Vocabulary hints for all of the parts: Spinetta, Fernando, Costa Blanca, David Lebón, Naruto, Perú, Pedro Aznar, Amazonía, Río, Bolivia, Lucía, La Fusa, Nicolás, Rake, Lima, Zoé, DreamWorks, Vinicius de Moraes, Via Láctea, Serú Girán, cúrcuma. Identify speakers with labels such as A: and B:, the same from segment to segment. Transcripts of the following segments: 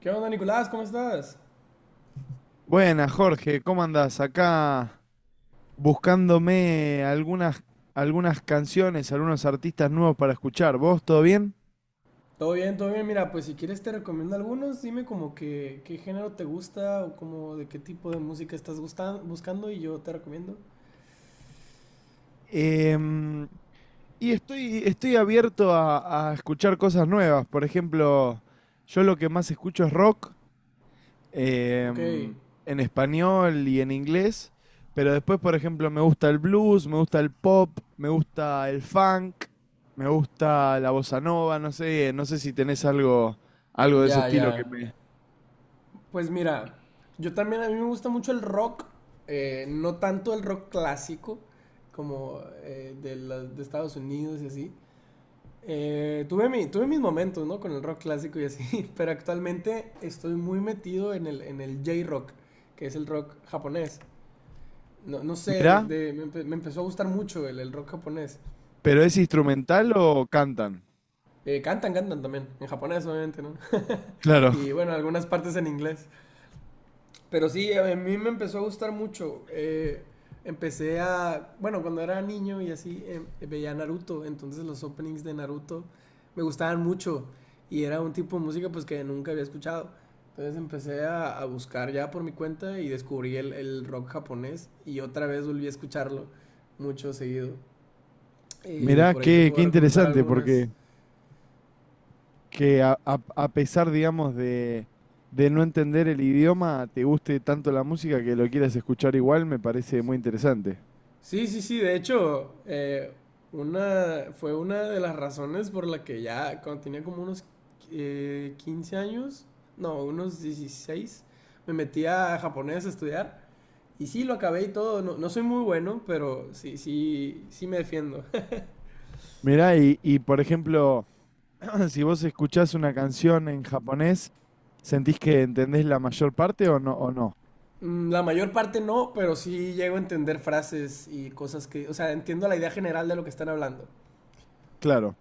A: ¿Qué onda, Nicolás? ¿Cómo estás?
B: Buenas, Jorge, ¿cómo andás? Acá buscándome algunas canciones, algunos artistas nuevos para escuchar. ¿Vos todo bien?
A: Todo bien, todo bien. Mira, pues si quieres te recomiendo algunos. Dime como que qué género te gusta o como de qué tipo de música estás buscando y yo te recomiendo.
B: Em, y estoy abierto a escuchar cosas nuevas. Por ejemplo, yo lo que más escucho es rock,
A: Ok,
B: em, en español y en inglés, pero después, por ejemplo, me gusta el blues, me gusta el pop, me gusta el funk, me gusta la bossa nova, no sé si tenés algo de ese
A: ya,
B: estilo que
A: ya.
B: me...
A: Pues mira, yo también a mí me gusta mucho el rock, no tanto el rock clásico como de Estados Unidos y así. Tuve mis momentos, ¿no? Con el rock clásico y así, pero actualmente estoy muy metido en el J-rock, que es el rock japonés. No, no sé,
B: Mirá,
A: me empezó a gustar mucho el rock japonés.
B: pero ¿es instrumental o cantan?
A: Cantan también, en japonés obviamente, ¿no?
B: Claro,
A: Y bueno, algunas partes en inglés. Pero sí, a mí me empezó a gustar mucho. Bueno, cuando era niño y así, veía Naruto, entonces los openings de Naruto me gustaban mucho y era un tipo de música pues que nunca había escuchado. Entonces a buscar ya por mi cuenta y descubrí el rock japonés y otra vez volví a escucharlo mucho seguido. Y de
B: mirá,
A: por ahí te puedo
B: qué
A: recomendar
B: interesante,
A: algunas.
B: porque que a pesar, digamos, de no entender el idioma, te guste tanto la música que lo quieras escuchar igual, me parece muy interesante.
A: Sí, sí, sí, de hecho, fue una de las razones por la que ya cuando tenía como unos 15 años, no, unos 16 me metí a japonés a estudiar. Y sí, lo acabé y todo. No, no soy muy bueno, pero sí, sí, sí me defiendo.
B: Mirá, y por ejemplo... Si vos escuchás una canción en japonés, ¿sentís que entendés la mayor parte o no? ¿O no?
A: La mayor parte no, pero sí llego a entender frases y cosas que, o sea, entiendo la idea general de lo que están hablando.
B: Claro.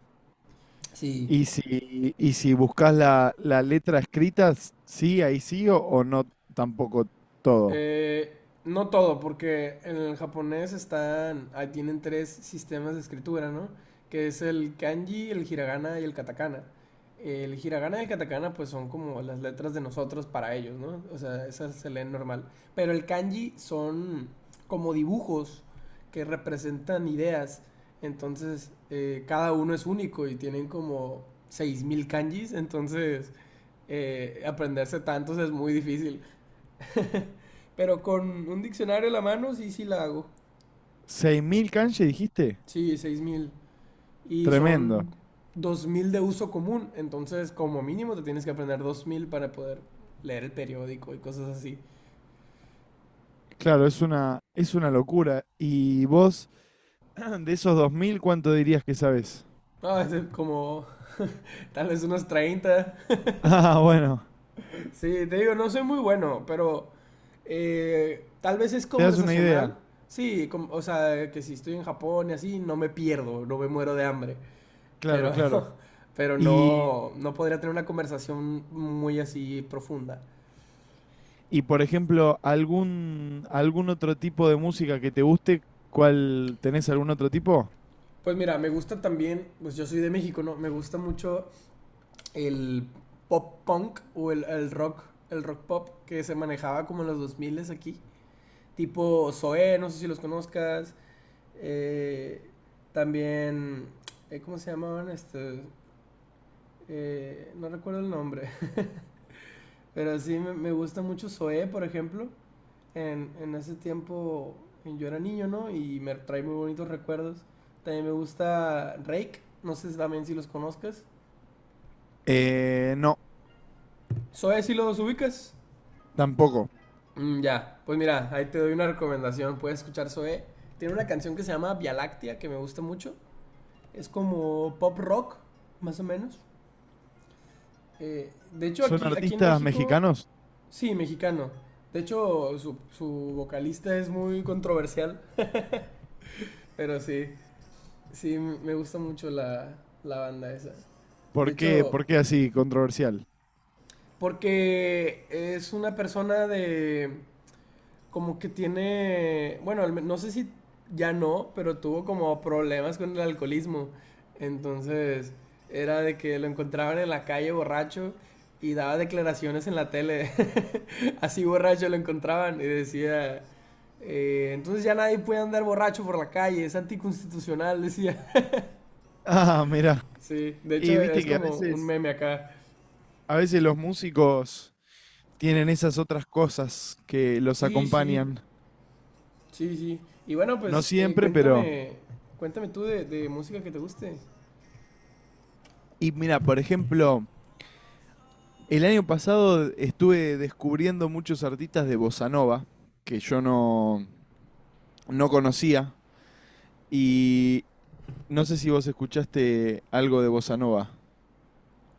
A: Sí.
B: Y si buscas la letra escrita, sí, ahí sí o no tampoco todo.
A: Eh, no todo, porque en el japonés están, ahí tienen tres sistemas de escritura, ¿no? Que es el kanji, el hiragana y el katakana. El hiragana y el katakana pues son como las letras de nosotros para ellos, ¿no? O sea, esas se leen normal. Pero el kanji son como dibujos que representan ideas. Entonces, cada uno es único y tienen como 6000 kanjis. Entonces, aprenderse tantos es muy difícil. Pero con un diccionario a la mano sí, sí la hago.
B: ¿6000 kanji dijiste?
A: Sí, 6000. Y
B: Tremendo.
A: son 2000 de uso común. Entonces, como mínimo, te tienes que aprender 2000 para poder leer el periódico y cosas así.
B: Claro, es es una locura. ¿Y vos, de esos 2000 cuánto dirías que sabes?
A: No, es como tal vez unos 30.
B: Ah, bueno,
A: Sí, te digo, no soy muy bueno, pero tal vez es
B: te das una idea.
A: conversacional. Sí, o sea, que si estoy en Japón y así, no me pierdo, no me muero de hambre.
B: Claro,
A: Pero,
B: claro.
A: pero
B: Y,
A: no, no podría tener una conversación muy así profunda.
B: y por ejemplo, algún otro tipo de música que te guste, ¿cuál tenés algún otro tipo?
A: Pues mira, me gusta también, pues yo soy de México, ¿no? Me gusta mucho el pop punk o el rock, el rock pop que se manejaba como en los 2000 aquí. Tipo Zoé, no sé si los conozcas. eh, También, ¿cómo se llamaban estos? No recuerdo el nombre. Pero sí, me gusta mucho Zoé, por ejemplo. En ese tiempo yo era niño, ¿no? Y me trae muy bonitos recuerdos. También me gusta Rake, no sé si también si los conozcas.
B: No,
A: Zoé si los ubicas.
B: tampoco.
A: Mm, ya, pues mira, ahí te doy una recomendación, puedes escuchar Zoé. Tiene una canción que se llama Via Láctea, que me gusta mucho. Es como pop rock, más o menos. De hecho,
B: ¿Son
A: aquí en
B: artistas
A: México,
B: mexicanos?
A: sí, mexicano. De hecho, su vocalista es muy controversial, pero sí. Sí, me gusta mucho la banda esa. De hecho,
B: Por qué así controversial?
A: porque es una persona de... Como que tiene... Bueno, no sé si ya no, pero tuvo como problemas con el alcoholismo. Entonces, era de que lo encontraban en la calle borracho y daba declaraciones en la tele. Así borracho lo encontraban y decía... entonces ya nadie puede andar borracho por la calle, es anticonstitucional, decía.
B: Ah, mira.
A: Sí, de
B: Y
A: hecho
B: viste
A: es
B: que
A: como un meme acá.
B: a veces los músicos tienen esas otras cosas que los
A: Sí, sí,
B: acompañan.
A: sí, sí. Y bueno,
B: No
A: pues
B: siempre, pero...
A: cuéntame, cuéntame tú de música que te guste.
B: Y mira, por ejemplo, el año pasado estuve descubriendo muchos artistas de bossa nova, que yo no conocía, y no sé si vos escuchaste algo de bossa nova.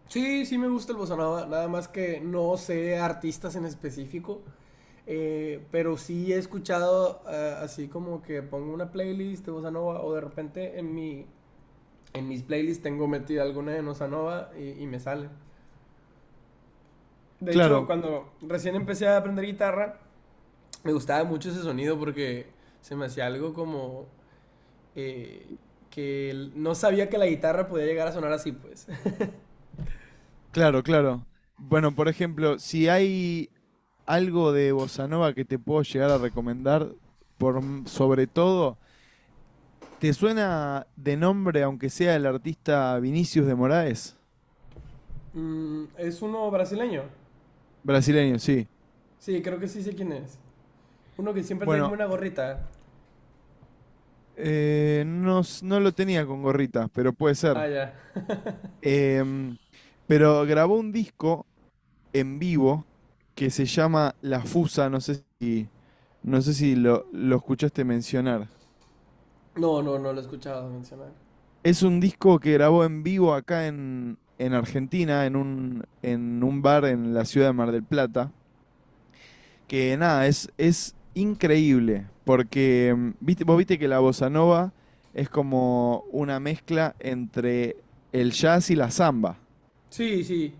A: Sí, sí me gusta el bossa nova, nada más que no sé artistas en específico, pero sí he escuchado así como que pongo una playlist de bossa nova o de repente en mis playlists tengo metida alguna de bossa nova y me sale. De hecho,
B: Claro,
A: cuando recién empecé a aprender guitarra, me gustaba mucho ese sonido porque se me hacía algo como eh, que no sabía que la guitarra podía llegar a sonar así, pues.
B: claro, claro. Bueno, por ejemplo, si hay algo de bossa nova que te puedo llegar a recomendar, por, sobre todo, ¿te suena de nombre, aunque sea el artista Vinicius de Moraes?
A: Mm, es uno brasileño.
B: Brasileño, sí.
A: Sí, creo que sí sé quién es. Uno que siempre trae como
B: Bueno,
A: una gorrita.
B: no, no lo tenía con gorrita, pero puede
A: Ah,
B: ser.
A: ya.
B: Em, pero grabó un disco en vivo que se llama La Fusa, no sé no sé si lo escuchaste mencionar.
A: No, no, no lo he escuchado mencionar.
B: Es un disco que grabó en vivo acá en Argentina, en un bar en la ciudad de Mar del Plata. Que nada, es increíble, porque mm, viste, vos viste que la bossa nova es como una mezcla entre el jazz y la samba.
A: Sí, sí.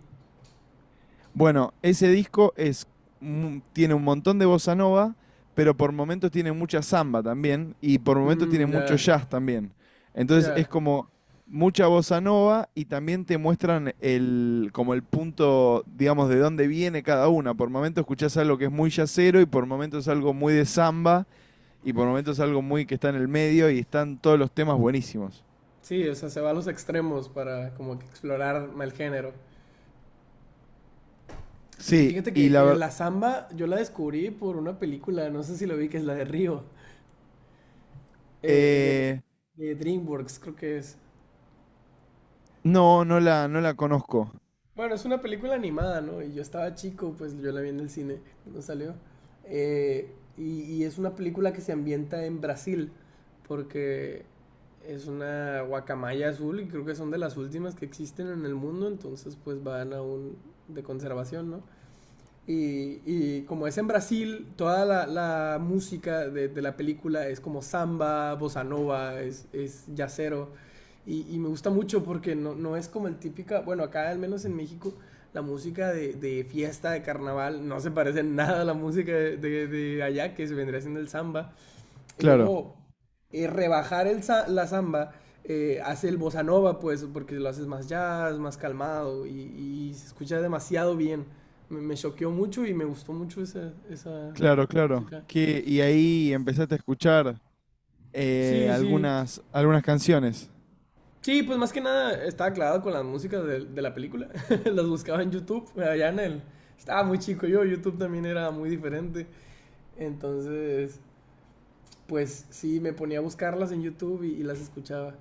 B: Bueno, ese disco es, tiene un montón de bossa nova, pero por momentos tiene mucha samba también y por momentos tiene
A: Mm,
B: mucho
A: ya,
B: jazz también. Entonces es
A: ya.
B: como mucha bossa nova y también te muestran el, como el punto, digamos, de dónde viene cada una. Por momentos escuchás algo que es muy jazzero y por momentos algo muy de samba y por momentos algo muy que está en el medio y están todos los temas buenísimos.
A: Sí, o sea, se va a los extremos para como que explorar el género. Sí,
B: Sí,
A: fíjate
B: y
A: que
B: la verdad...
A: la samba yo la descubrí por una película, no sé si lo vi, que es la de Río, eh, de, de DreamWorks, creo que es.
B: No, no la, no la conozco.
A: Bueno, es una película animada, ¿no? Y yo estaba chico, pues yo la vi en el cine cuando salió. Eh, y es una película que se ambienta en Brasil, porque es una guacamaya azul y creo que son de las últimas que existen en el mundo, entonces pues van a un de conservación, ¿no? Y como es en Brasil, toda la música de la película es como samba, bossa nova, es yacero. Y me gusta mucho porque no es como el típica, bueno, acá al menos en México, la música de fiesta, de carnaval, no se parece nada a la música de allá, que se vendría siendo el samba. Y
B: Claro.
A: luego la samba hace el bossa nova, pues, porque lo haces más jazz, más calmado y se escucha demasiado bien. Me choqueó mucho y me gustó mucho esa
B: Claro, claro.
A: música.
B: Que, y ahí empezaste a escuchar
A: Sí, sí.
B: algunas canciones.
A: Sí, pues más que nada estaba clavado con las músicas de la película. Las buscaba en YouTube, allá en el... Estaba muy chico yo, YouTube también era muy diferente. Entonces, pues sí, me ponía a buscarlas en YouTube y las escuchaba.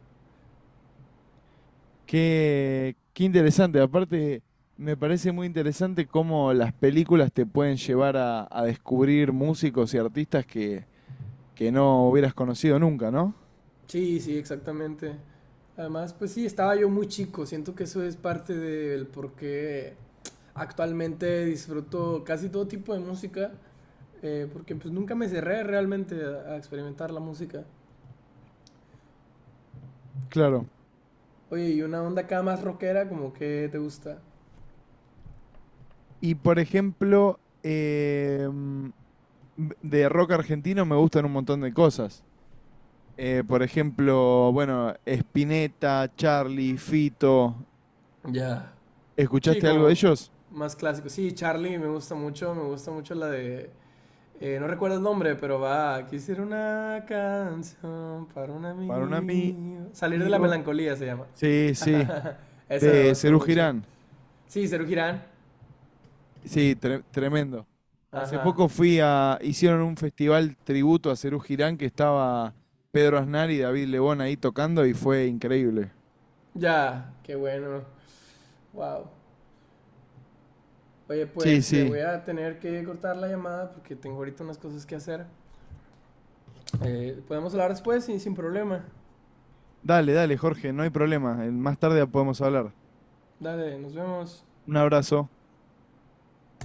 B: Qué, qué interesante. Aparte, me parece muy interesante cómo las películas te pueden llevar a descubrir músicos y artistas que no hubieras conocido nunca, ¿no?
A: Sí, sí, exactamente. Además, pues sí, estaba yo muy chico. Siento que eso es parte del por qué actualmente disfruto casi todo tipo de música. Porque pues nunca me cerré realmente a experimentar la música.
B: Claro.
A: Oye, y una onda acá más rockera, como que te gusta.
B: Y por ejemplo, mm, de rock argentino me gustan un montón de cosas. Por ejemplo, bueno, Spinetta, Charlie, Fito,
A: Ya. Sí,
B: ¿escuchaste algo de
A: como
B: ellos?
A: más clásico. Sí, Charlie me gusta mucho la de... No recuerdo el nombre, pero va. Quisiera una canción para un
B: Para un amigo.
A: amigo. Salir de la melancolía se llama.
B: Sí, sí,
A: Esa me
B: de
A: gusta
B: Serú
A: mucho.
B: Girán.
A: Sí, Serú Girán.
B: Sí, tremendo. Hace
A: Ajá.
B: poco fui a, hicieron un festival tributo a Serú Girán que estaba Pedro Aznar y David Lebón ahí tocando y fue increíble.
A: Ya, qué bueno. Wow. Oye,
B: Sí,
A: pues te voy
B: sí.
A: a tener que cortar la llamada porque tengo ahorita unas cosas que hacer. Podemos hablar después y sin problema.
B: Dale, dale, Jorge, no hay problema. Más tarde podemos hablar.
A: Dale, nos vemos.
B: Un abrazo.